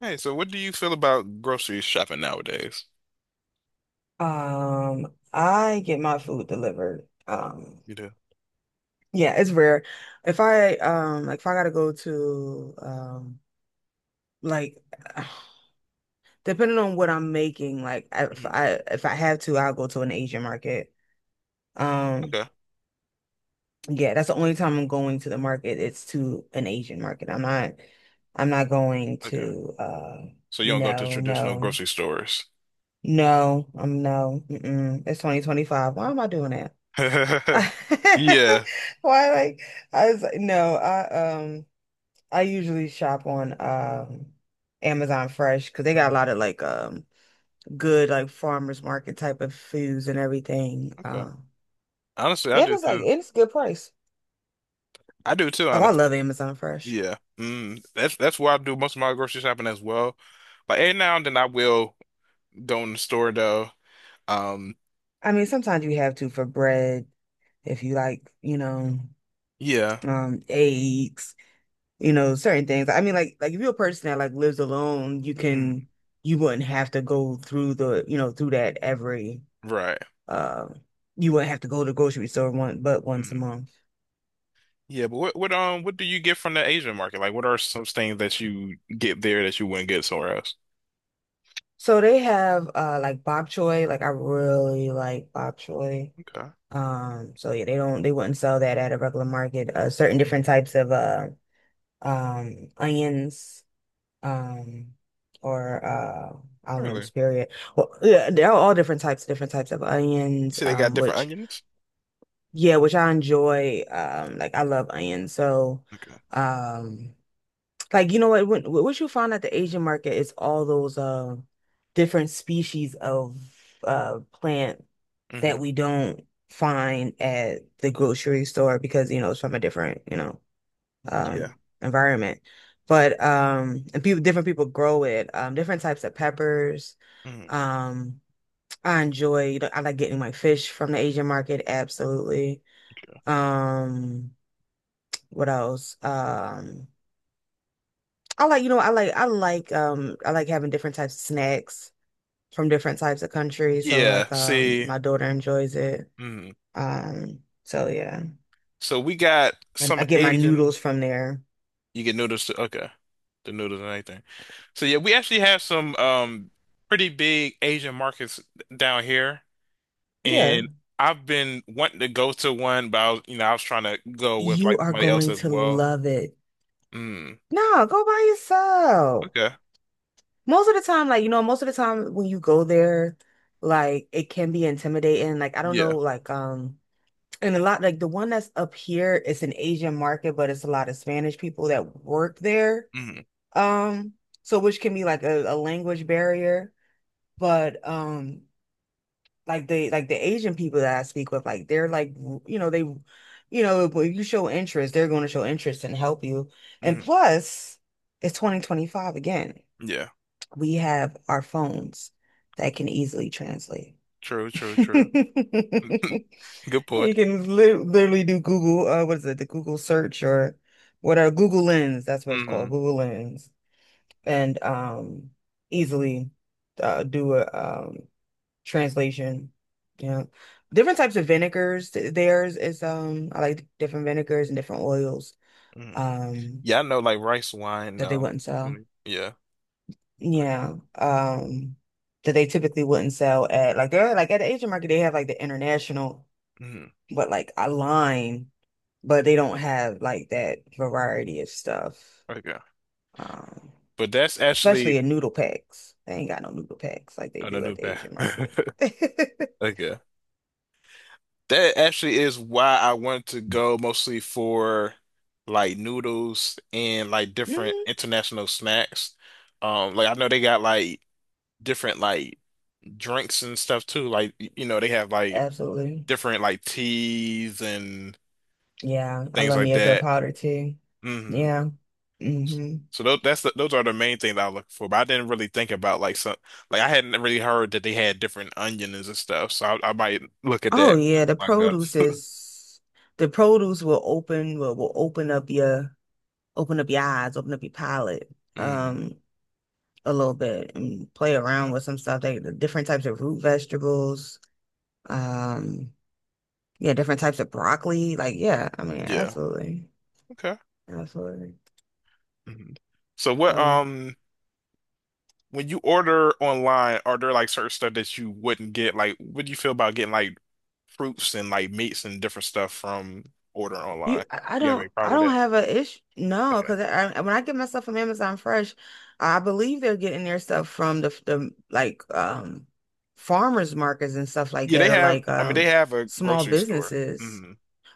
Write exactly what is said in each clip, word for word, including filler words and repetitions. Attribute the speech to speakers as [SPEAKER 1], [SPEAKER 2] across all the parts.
[SPEAKER 1] Hey, so what do you feel about grocery shopping nowadays?
[SPEAKER 2] Um, I get my food delivered. Um,
[SPEAKER 1] You do?
[SPEAKER 2] yeah, it's rare. If I um like if I gotta go to um like depending on what I'm making, like I- if
[SPEAKER 1] Mm.
[SPEAKER 2] I if I have to, I'll go to an Asian market. Um,
[SPEAKER 1] Okay,
[SPEAKER 2] yeah, that's the only time I'm going to the market. It's to an Asian market. I'm not I'm not going
[SPEAKER 1] okay.
[SPEAKER 2] to uh
[SPEAKER 1] So you don't go to
[SPEAKER 2] no,
[SPEAKER 1] traditional
[SPEAKER 2] no,
[SPEAKER 1] grocery stores.
[SPEAKER 2] no, I'm no. Mm-mm. It's twenty twenty-five. Why am I doing that? I,
[SPEAKER 1] Yeah.
[SPEAKER 2] Why, like, I was like, no, I um, I usually shop on um Amazon Fresh because they got a
[SPEAKER 1] Mhm.
[SPEAKER 2] lot of like um good like farmers market type of foods and everything.
[SPEAKER 1] Okay.
[SPEAKER 2] Um,
[SPEAKER 1] Honestly, I
[SPEAKER 2] yeah,
[SPEAKER 1] do
[SPEAKER 2] it's like
[SPEAKER 1] too.
[SPEAKER 2] it's a good price.
[SPEAKER 1] I do too,
[SPEAKER 2] Oh, I
[SPEAKER 1] honestly.
[SPEAKER 2] love Amazon Fresh.
[SPEAKER 1] Yeah. Mm. That's that's where I do most of my grocery shopping as well. Like every now and then I will go in the store though. Um,
[SPEAKER 2] I mean, sometimes you have to for bread if you like, you know,
[SPEAKER 1] yeah.
[SPEAKER 2] um, eggs, you know, certain things. I mean, like, like if you're a person that like lives alone, you
[SPEAKER 1] Mm.
[SPEAKER 2] can, you wouldn't have to go through the, you know, through that every
[SPEAKER 1] Right.
[SPEAKER 2] um, you wouldn't have to go to the grocery store one but once a
[SPEAKER 1] Mm.
[SPEAKER 2] month.
[SPEAKER 1] Yeah, but what what um what do you get from the Asian market? Like what are some things that you get there that you wouldn't get somewhere else?
[SPEAKER 2] So they have uh like bok choy. Like I really like bok choy.
[SPEAKER 1] Okay.
[SPEAKER 2] Um, so yeah, they don't they wouldn't sell that at a regular market. Uh, certain different types of uh um onions, um or uh I don't know,
[SPEAKER 1] Really? You
[SPEAKER 2] spirit. Well, yeah, they're all different types, different types of onions,
[SPEAKER 1] see, they got
[SPEAKER 2] um,
[SPEAKER 1] different
[SPEAKER 2] which
[SPEAKER 1] onions?
[SPEAKER 2] yeah, which I enjoy. Um, like I love onions. So
[SPEAKER 1] Okay.
[SPEAKER 2] um like, you know what, when, what you find at the Asian market is all those uh different species of uh plant
[SPEAKER 1] Hmm.
[SPEAKER 2] that we don't find at the grocery store because, you know, it's from a different, you know,
[SPEAKER 1] Yeah.
[SPEAKER 2] um environment. But um and people different people grow it, um different types of peppers.
[SPEAKER 1] Hmm.
[SPEAKER 2] Um I enjoy, you know, I like getting my fish from the Asian market, absolutely.
[SPEAKER 1] Okay.
[SPEAKER 2] Um what else? Um I like, you know, I like I like um I like having different types of snacks from different types of countries. So
[SPEAKER 1] Yeah.
[SPEAKER 2] like um
[SPEAKER 1] See.
[SPEAKER 2] my daughter enjoys it.
[SPEAKER 1] Mhm.
[SPEAKER 2] Um so yeah.
[SPEAKER 1] So we got
[SPEAKER 2] And
[SPEAKER 1] some
[SPEAKER 2] I get my
[SPEAKER 1] Asian.
[SPEAKER 2] noodles from there.
[SPEAKER 1] You get noodles too. Okay. The noodles and anything. So yeah, we actually have some um pretty big Asian markets down here,
[SPEAKER 2] Yeah.
[SPEAKER 1] and I've been wanting to go to one, but I was, you know, I was trying to go with
[SPEAKER 2] You
[SPEAKER 1] like
[SPEAKER 2] are
[SPEAKER 1] somebody else
[SPEAKER 2] going
[SPEAKER 1] as
[SPEAKER 2] to
[SPEAKER 1] well.
[SPEAKER 2] love it.
[SPEAKER 1] Mm.
[SPEAKER 2] No, go by yourself.
[SPEAKER 1] Okay.
[SPEAKER 2] Most of the time, like, you know, most of the time when you go there, like it can be intimidating. Like, I don't
[SPEAKER 1] Yeah.
[SPEAKER 2] know, like um and a lot like the one that's up here, it's an Asian market, but it's a lot of Spanish people that work there.
[SPEAKER 1] Hmm.
[SPEAKER 2] Um, so which can be like a, a language barrier, but um like the like the Asian people that I speak with, like they're like, you know, they, you know, if if you show interest, they're going to show interest and help you. And
[SPEAKER 1] Hmm.
[SPEAKER 2] plus, it's twenty twenty-five again.
[SPEAKER 1] Yeah.
[SPEAKER 2] We have our phones that can easily translate.
[SPEAKER 1] True. True. True. Good
[SPEAKER 2] You
[SPEAKER 1] point.
[SPEAKER 2] can li literally do Google, uh, what is it, the Google search or what are Google Lens? That's what it's called,
[SPEAKER 1] Hmm.
[SPEAKER 2] Google Lens. And um easily, uh, do a um translation. Yeah. Different types of vinegars. Th- Theirs is um I like different vinegars and different oils
[SPEAKER 1] Hmm.
[SPEAKER 2] um
[SPEAKER 1] Yeah, I know like rice wine.
[SPEAKER 2] that they
[SPEAKER 1] Um,
[SPEAKER 2] wouldn't sell.
[SPEAKER 1] mm, yeah. Okay.
[SPEAKER 2] Yeah. Um that they typically wouldn't sell at like they're like at the Asian market they have like the international
[SPEAKER 1] Mhm.
[SPEAKER 2] but like a line, but they don't have like that variety of stuff.
[SPEAKER 1] Okay.
[SPEAKER 2] Um
[SPEAKER 1] But that's
[SPEAKER 2] Especially
[SPEAKER 1] actually
[SPEAKER 2] in noodle packs. They ain't got no noodle packs like they
[SPEAKER 1] oh, no,
[SPEAKER 2] do at
[SPEAKER 1] no
[SPEAKER 2] the
[SPEAKER 1] bad.
[SPEAKER 2] Asian market.
[SPEAKER 1] Okay. That actually is why I wanted to go mostly for like noodles and like different
[SPEAKER 2] hmm
[SPEAKER 1] international snacks. Um, like I know they got like different like drinks and stuff too. Like y- you know they have like
[SPEAKER 2] Absolutely.
[SPEAKER 1] different like teas and
[SPEAKER 2] Yeah, I
[SPEAKER 1] things
[SPEAKER 2] love
[SPEAKER 1] like
[SPEAKER 2] me a good
[SPEAKER 1] that.
[SPEAKER 2] powder too.
[SPEAKER 1] Mhm.
[SPEAKER 2] Yeah. hmm
[SPEAKER 1] So those that's the, those are the main things I was looking for, but I didn't really think about like some like I hadn't really heard that they had different onions and stuff. So I, I might look at
[SPEAKER 2] Oh
[SPEAKER 1] that
[SPEAKER 2] yeah, the
[SPEAKER 1] when I go.
[SPEAKER 2] produce is the produce will open will, will open up your open up your eyes, open up your palate
[SPEAKER 1] Mm.
[SPEAKER 2] um a little bit and play around
[SPEAKER 1] Okay.
[SPEAKER 2] with some stuff. They the different types of root vegetables, um yeah, different types of broccoli. Like, yeah, I mean,
[SPEAKER 1] Yeah.
[SPEAKER 2] absolutely.
[SPEAKER 1] Okay.
[SPEAKER 2] Absolutely.
[SPEAKER 1] Mhm. So what
[SPEAKER 2] So
[SPEAKER 1] um when you order online, are there like certain stuff that you wouldn't get? Like, what do you feel about getting like fruits and like meats and different stuff from ordering online?
[SPEAKER 2] You, I I
[SPEAKER 1] You have a
[SPEAKER 2] don't, I,
[SPEAKER 1] problem with
[SPEAKER 2] don't
[SPEAKER 1] that?
[SPEAKER 2] have a issue. No,
[SPEAKER 1] Okay.
[SPEAKER 2] because I, I- when I get my stuff from Amazon Fresh, I believe they're getting their stuff from the the like um farmers markets and stuff like
[SPEAKER 1] Yeah, they
[SPEAKER 2] that, or
[SPEAKER 1] have.
[SPEAKER 2] like
[SPEAKER 1] I mean, they
[SPEAKER 2] um
[SPEAKER 1] have a
[SPEAKER 2] small
[SPEAKER 1] grocery store.
[SPEAKER 2] businesses.
[SPEAKER 1] Hmm.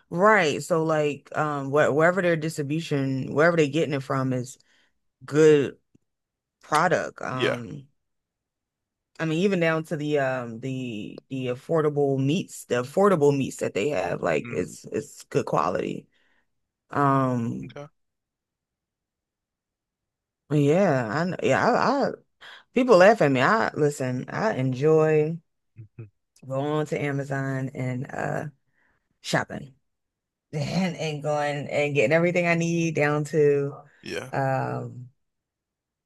[SPEAKER 2] Right. So like um wh wherever their distribution, wherever they're getting it from is good product.
[SPEAKER 1] Yeah.
[SPEAKER 2] Um, I mean even down to the um the the affordable meats, the affordable meats that they have, like
[SPEAKER 1] Hmm.
[SPEAKER 2] it's it's good quality. Um.
[SPEAKER 1] Okay.
[SPEAKER 2] Yeah, I know. Yeah, I, I people laugh at me. I listen, I enjoy
[SPEAKER 1] Mhm.
[SPEAKER 2] going to Amazon and uh shopping and, and going and getting everything I need down to
[SPEAKER 1] Yeah.
[SPEAKER 2] um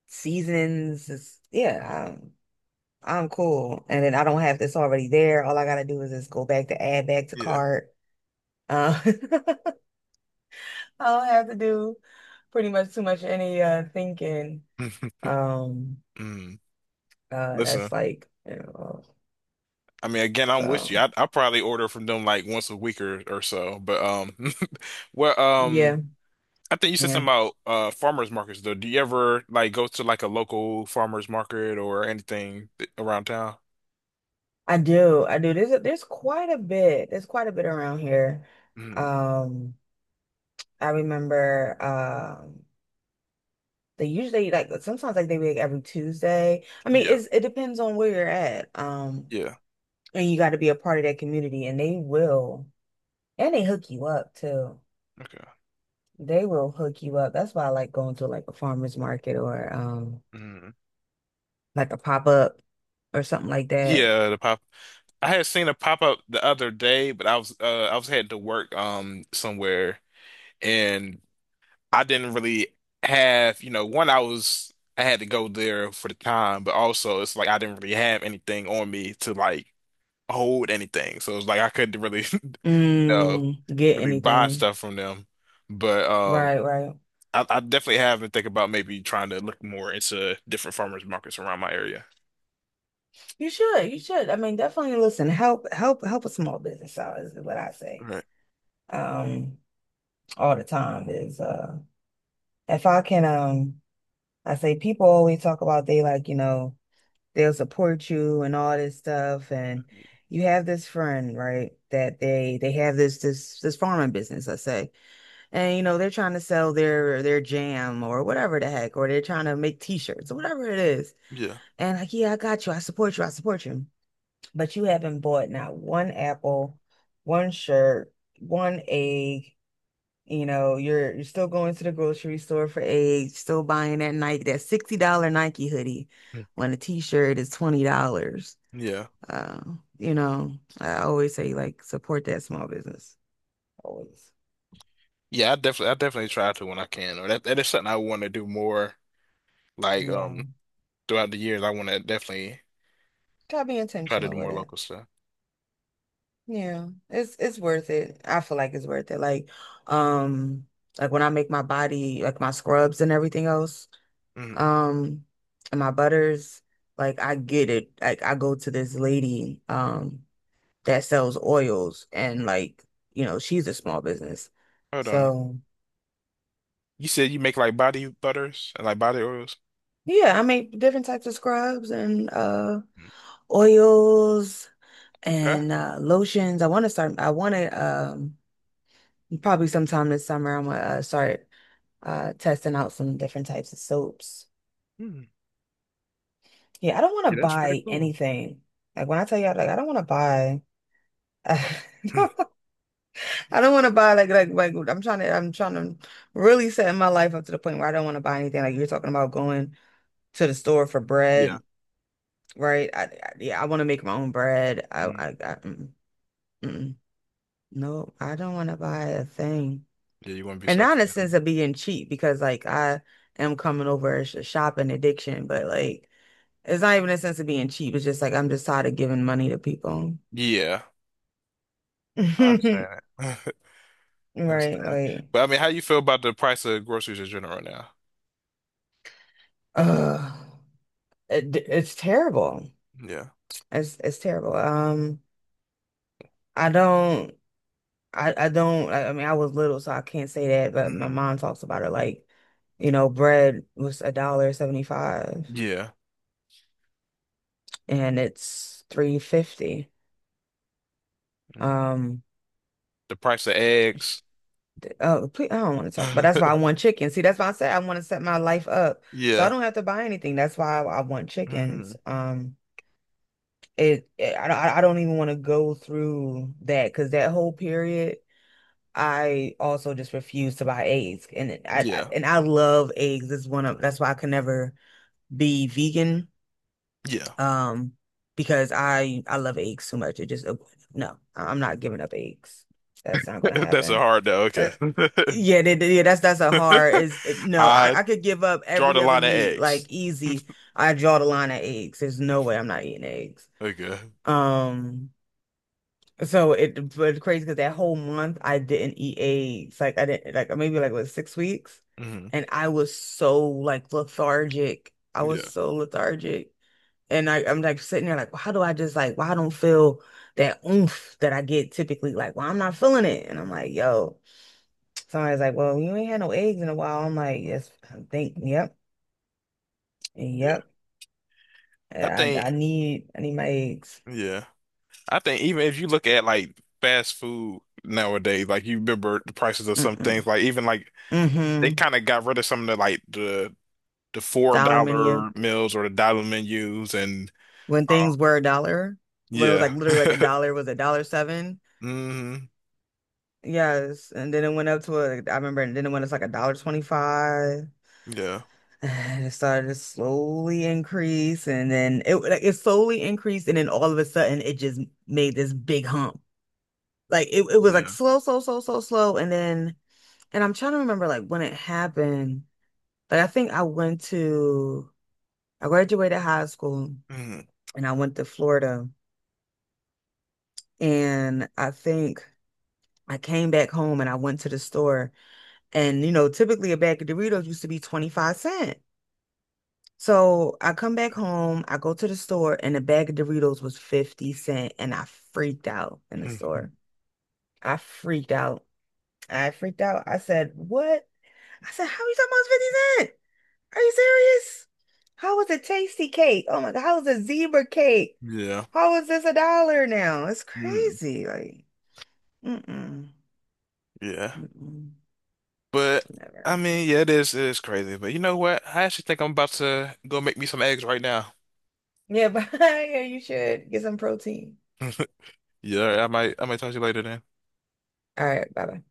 [SPEAKER 2] seasons. It's- yeah, I'm I'm cool. And then I don't have this already there. All I gotta do is just go back to add back to
[SPEAKER 1] Yeah.
[SPEAKER 2] cart. Uh, I don't have to do pretty much too much any uh thinking. Um
[SPEAKER 1] Mm.
[SPEAKER 2] uh that's
[SPEAKER 1] Listen,
[SPEAKER 2] like, you know,
[SPEAKER 1] I mean, again, I'm with you.
[SPEAKER 2] so
[SPEAKER 1] I I probably order from them like once a week or, or so. But um, well,
[SPEAKER 2] yeah.
[SPEAKER 1] um, I think you said
[SPEAKER 2] Yeah,
[SPEAKER 1] something about uh farmers markets though. Do you ever like go to like a local farmers market or anything th- around town?
[SPEAKER 2] I do. I do. There's a, there's quite a bit. There's quite a bit around here.
[SPEAKER 1] Mm.
[SPEAKER 2] Um, I remember um they usually like sometimes like they make every Tuesday. I mean,
[SPEAKER 1] Yeah.
[SPEAKER 2] it's it depends on where you're at. Um,
[SPEAKER 1] Yeah.
[SPEAKER 2] and you got to be a part of that community and they will and they hook you up too.
[SPEAKER 1] Okay.
[SPEAKER 2] They will hook you up. That's why I like going to like a farmer's market or um
[SPEAKER 1] Mm.
[SPEAKER 2] like a pop-up or something like that.
[SPEAKER 1] Yeah, the pop. I had seen a pop up the other day, but I was uh I was heading to work um somewhere and. I didn't really have, you know, one, I was, I had to go there for the time, but also it's like I didn't really have anything on me to like hold anything. So it's like I couldn't really, you know,
[SPEAKER 2] Mm, get
[SPEAKER 1] really buy
[SPEAKER 2] anything.
[SPEAKER 1] stuff from them. But um,
[SPEAKER 2] Right, right.
[SPEAKER 1] I, I definitely have been thinking about maybe trying to look more into different farmers markets around my area.
[SPEAKER 2] You should, you should. I mean, definitely listen, help help help a small business out is what I say.
[SPEAKER 1] Right.
[SPEAKER 2] Um, all the time is uh if I can, um I say people always talk about they like, you know, they'll support you and all this stuff. And you have this friend, right, that they they have this this this farming business, let's say. And you know they're trying to sell their their jam or whatever the heck, or they're trying to make t-shirts or whatever it is.
[SPEAKER 1] Yeah.
[SPEAKER 2] And like, yeah, I got you, I support you, I support you, but you haven't bought not one apple, one shirt, one egg. You know, you're you're still going to the grocery store for eggs, still buying that Nike, that sixty dollars Nike hoodie
[SPEAKER 1] Mm.
[SPEAKER 2] when a t-shirt is twenty dollars.
[SPEAKER 1] Yeah.
[SPEAKER 2] Uh, you know, I always say like support that small business. Always.
[SPEAKER 1] Yeah, I definitely I definitely try to when I can. Or that that is something I want to do more like
[SPEAKER 2] Yeah.
[SPEAKER 1] um throughout the years. I want to definitely
[SPEAKER 2] Gotta be
[SPEAKER 1] try to
[SPEAKER 2] intentional
[SPEAKER 1] do
[SPEAKER 2] with
[SPEAKER 1] more
[SPEAKER 2] it.
[SPEAKER 1] local stuff.
[SPEAKER 2] Yeah. It's it's worth it. I feel like it's worth it. Like, um, like when I make my body, like my scrubs and everything else,
[SPEAKER 1] Mhm.
[SPEAKER 2] um, and my butters, like I get it. Like I go to this lady, um, that sells oils and like, you know, she's a small business.
[SPEAKER 1] Hold on.
[SPEAKER 2] So
[SPEAKER 1] You said you make like body butters and like body oils?
[SPEAKER 2] yeah, I make different types of scrubs and uh
[SPEAKER 1] Mm,
[SPEAKER 2] oils,
[SPEAKER 1] okay.
[SPEAKER 2] and uh, lotions. I want to start. I want to um probably sometime this summer. I'm gonna uh, start uh testing out some different types of soaps.
[SPEAKER 1] Hmm.
[SPEAKER 2] Yeah, I don't want to
[SPEAKER 1] Yeah, that's pretty
[SPEAKER 2] buy
[SPEAKER 1] cool.
[SPEAKER 2] anything. Like when I tell you, like I don't want to buy. I don't want to buy like like like I'm trying to I'm trying to really set my life up to the point where I don't want to buy anything. Like you're talking about going to the store for
[SPEAKER 1] Yeah.
[SPEAKER 2] bread, right? I, I Yeah, I want to make my own bread. I I,
[SPEAKER 1] Mm.
[SPEAKER 2] I mm, mm. No, I don't want to buy a thing.
[SPEAKER 1] Yeah, you want to be
[SPEAKER 2] And not in a
[SPEAKER 1] sustainable.
[SPEAKER 2] sense of being cheap because like I am coming over as a sh- shopping addiction, but like it's not even a sense of being cheap. It's just like I'm just tired of giving money to people.
[SPEAKER 1] Yeah. I understand it. I
[SPEAKER 2] Right,
[SPEAKER 1] understand it.
[SPEAKER 2] like
[SPEAKER 1] But I mean, how you feel about the price of groceries in general right now?
[SPEAKER 2] uh it, it's terrible.
[SPEAKER 1] Yeah.
[SPEAKER 2] It's it's terrible. Um I don't I, I don't I, I mean I was little so I can't say that, but my
[SPEAKER 1] Mm.
[SPEAKER 2] mom talks about it like, you know, bread was a dollar seventy-five
[SPEAKER 1] Yeah.
[SPEAKER 2] and it's three fifty.
[SPEAKER 1] Mm.
[SPEAKER 2] Um
[SPEAKER 1] The price of eggs.
[SPEAKER 2] Oh, please, I don't want to talk, but that's why I want chicken. See, that's why I said I want to set my life up so
[SPEAKER 1] Yeah.
[SPEAKER 2] I don't have to buy anything. That's why I, I want chickens.
[SPEAKER 1] Mm.
[SPEAKER 2] Um, it, it I, don't- I don't even want to go through that because that whole period, I also just refused to buy eggs, and it- I, I
[SPEAKER 1] Yeah.
[SPEAKER 2] and I love eggs. It's one of that's why I can never be vegan.
[SPEAKER 1] Yeah.
[SPEAKER 2] Um, because I I love eggs so much. It just No, I'm not giving up eggs. That's not gonna
[SPEAKER 1] That's a
[SPEAKER 2] happen.
[SPEAKER 1] hard though. Okay.
[SPEAKER 2] Yeah, they, they- yeah, that's that's a hard is it- no,
[SPEAKER 1] I
[SPEAKER 2] I, I could give up
[SPEAKER 1] draw
[SPEAKER 2] every
[SPEAKER 1] the
[SPEAKER 2] other
[SPEAKER 1] line at
[SPEAKER 2] meat, like
[SPEAKER 1] eggs.
[SPEAKER 2] easy. I draw the line at eggs. There's no way I'm not eating eggs.
[SPEAKER 1] Okay.
[SPEAKER 2] Um, so it but it's crazy because that whole month I didn't eat eggs. Like I didn't like maybe like what six weeks,
[SPEAKER 1] Mhm.
[SPEAKER 2] and I was so like lethargic. I was
[SPEAKER 1] Yeah.
[SPEAKER 2] so lethargic, and I I'm like sitting there like, how do I just like why I don't feel that oomph that I get typically? Like, well, I'm not feeling it, and I'm like, yo. Somebody's like, well, you ain't had no eggs in a while. I'm like, yes, I think, yep,
[SPEAKER 1] Yeah.
[SPEAKER 2] yep.
[SPEAKER 1] I
[SPEAKER 2] I,
[SPEAKER 1] think.
[SPEAKER 2] I need, I need my eggs.
[SPEAKER 1] Yeah. I think even if you look at like fast food nowadays, like you remember the prices of some
[SPEAKER 2] Mm-mm.
[SPEAKER 1] things, like even like they
[SPEAKER 2] Mm-hmm.
[SPEAKER 1] kind of got rid of some of the like the the four
[SPEAKER 2] Dollar menu.
[SPEAKER 1] dollar meals or the dollar menus and
[SPEAKER 2] When
[SPEAKER 1] uh,
[SPEAKER 2] things were a dollar, when it was
[SPEAKER 1] yeah.
[SPEAKER 2] like literally like a dollar was a dollar seven.
[SPEAKER 1] Hmm.
[SPEAKER 2] Yes, and then it went up to a, I remember, and then it went up to like a dollar twenty-five.
[SPEAKER 1] Yeah.
[SPEAKER 2] And it started to slowly increase, and then it like it slowly increased, and then all of a sudden it just made this big hump. Like it, it was like
[SPEAKER 1] Yeah.
[SPEAKER 2] slow, slow, slow, slow, slow, and then. And I'm trying to remember like when it happened. Like I think I went to I graduated high school
[SPEAKER 1] Hmm.
[SPEAKER 2] and I went to Florida and I think I came back home and I went to the store and you know typically a bag of Doritos used to be twenty-five cent. So I come back home, I go to the store and a bag of Doritos was fifty cent and I freaked out in the store. I freaked out. I freaked out. I said, "What?" I said, "How are you talking about it's fifty cent?" Are you serious? How was a tasty cake? Oh my God, how was a zebra cake?
[SPEAKER 1] Yeah.
[SPEAKER 2] How is this a dollar now? It's
[SPEAKER 1] Mm.
[SPEAKER 2] crazy. Like, mm-mm,
[SPEAKER 1] Yeah.
[SPEAKER 2] mm-mm,
[SPEAKER 1] But
[SPEAKER 2] never.
[SPEAKER 1] I mean, yeah, it is it is crazy. But you know what? I actually think I'm about to go make me some eggs right now.
[SPEAKER 2] Yeah, but yeah, you should get some protein.
[SPEAKER 1] Yeah, I might I might talk to you later then.
[SPEAKER 2] All right, bye bye.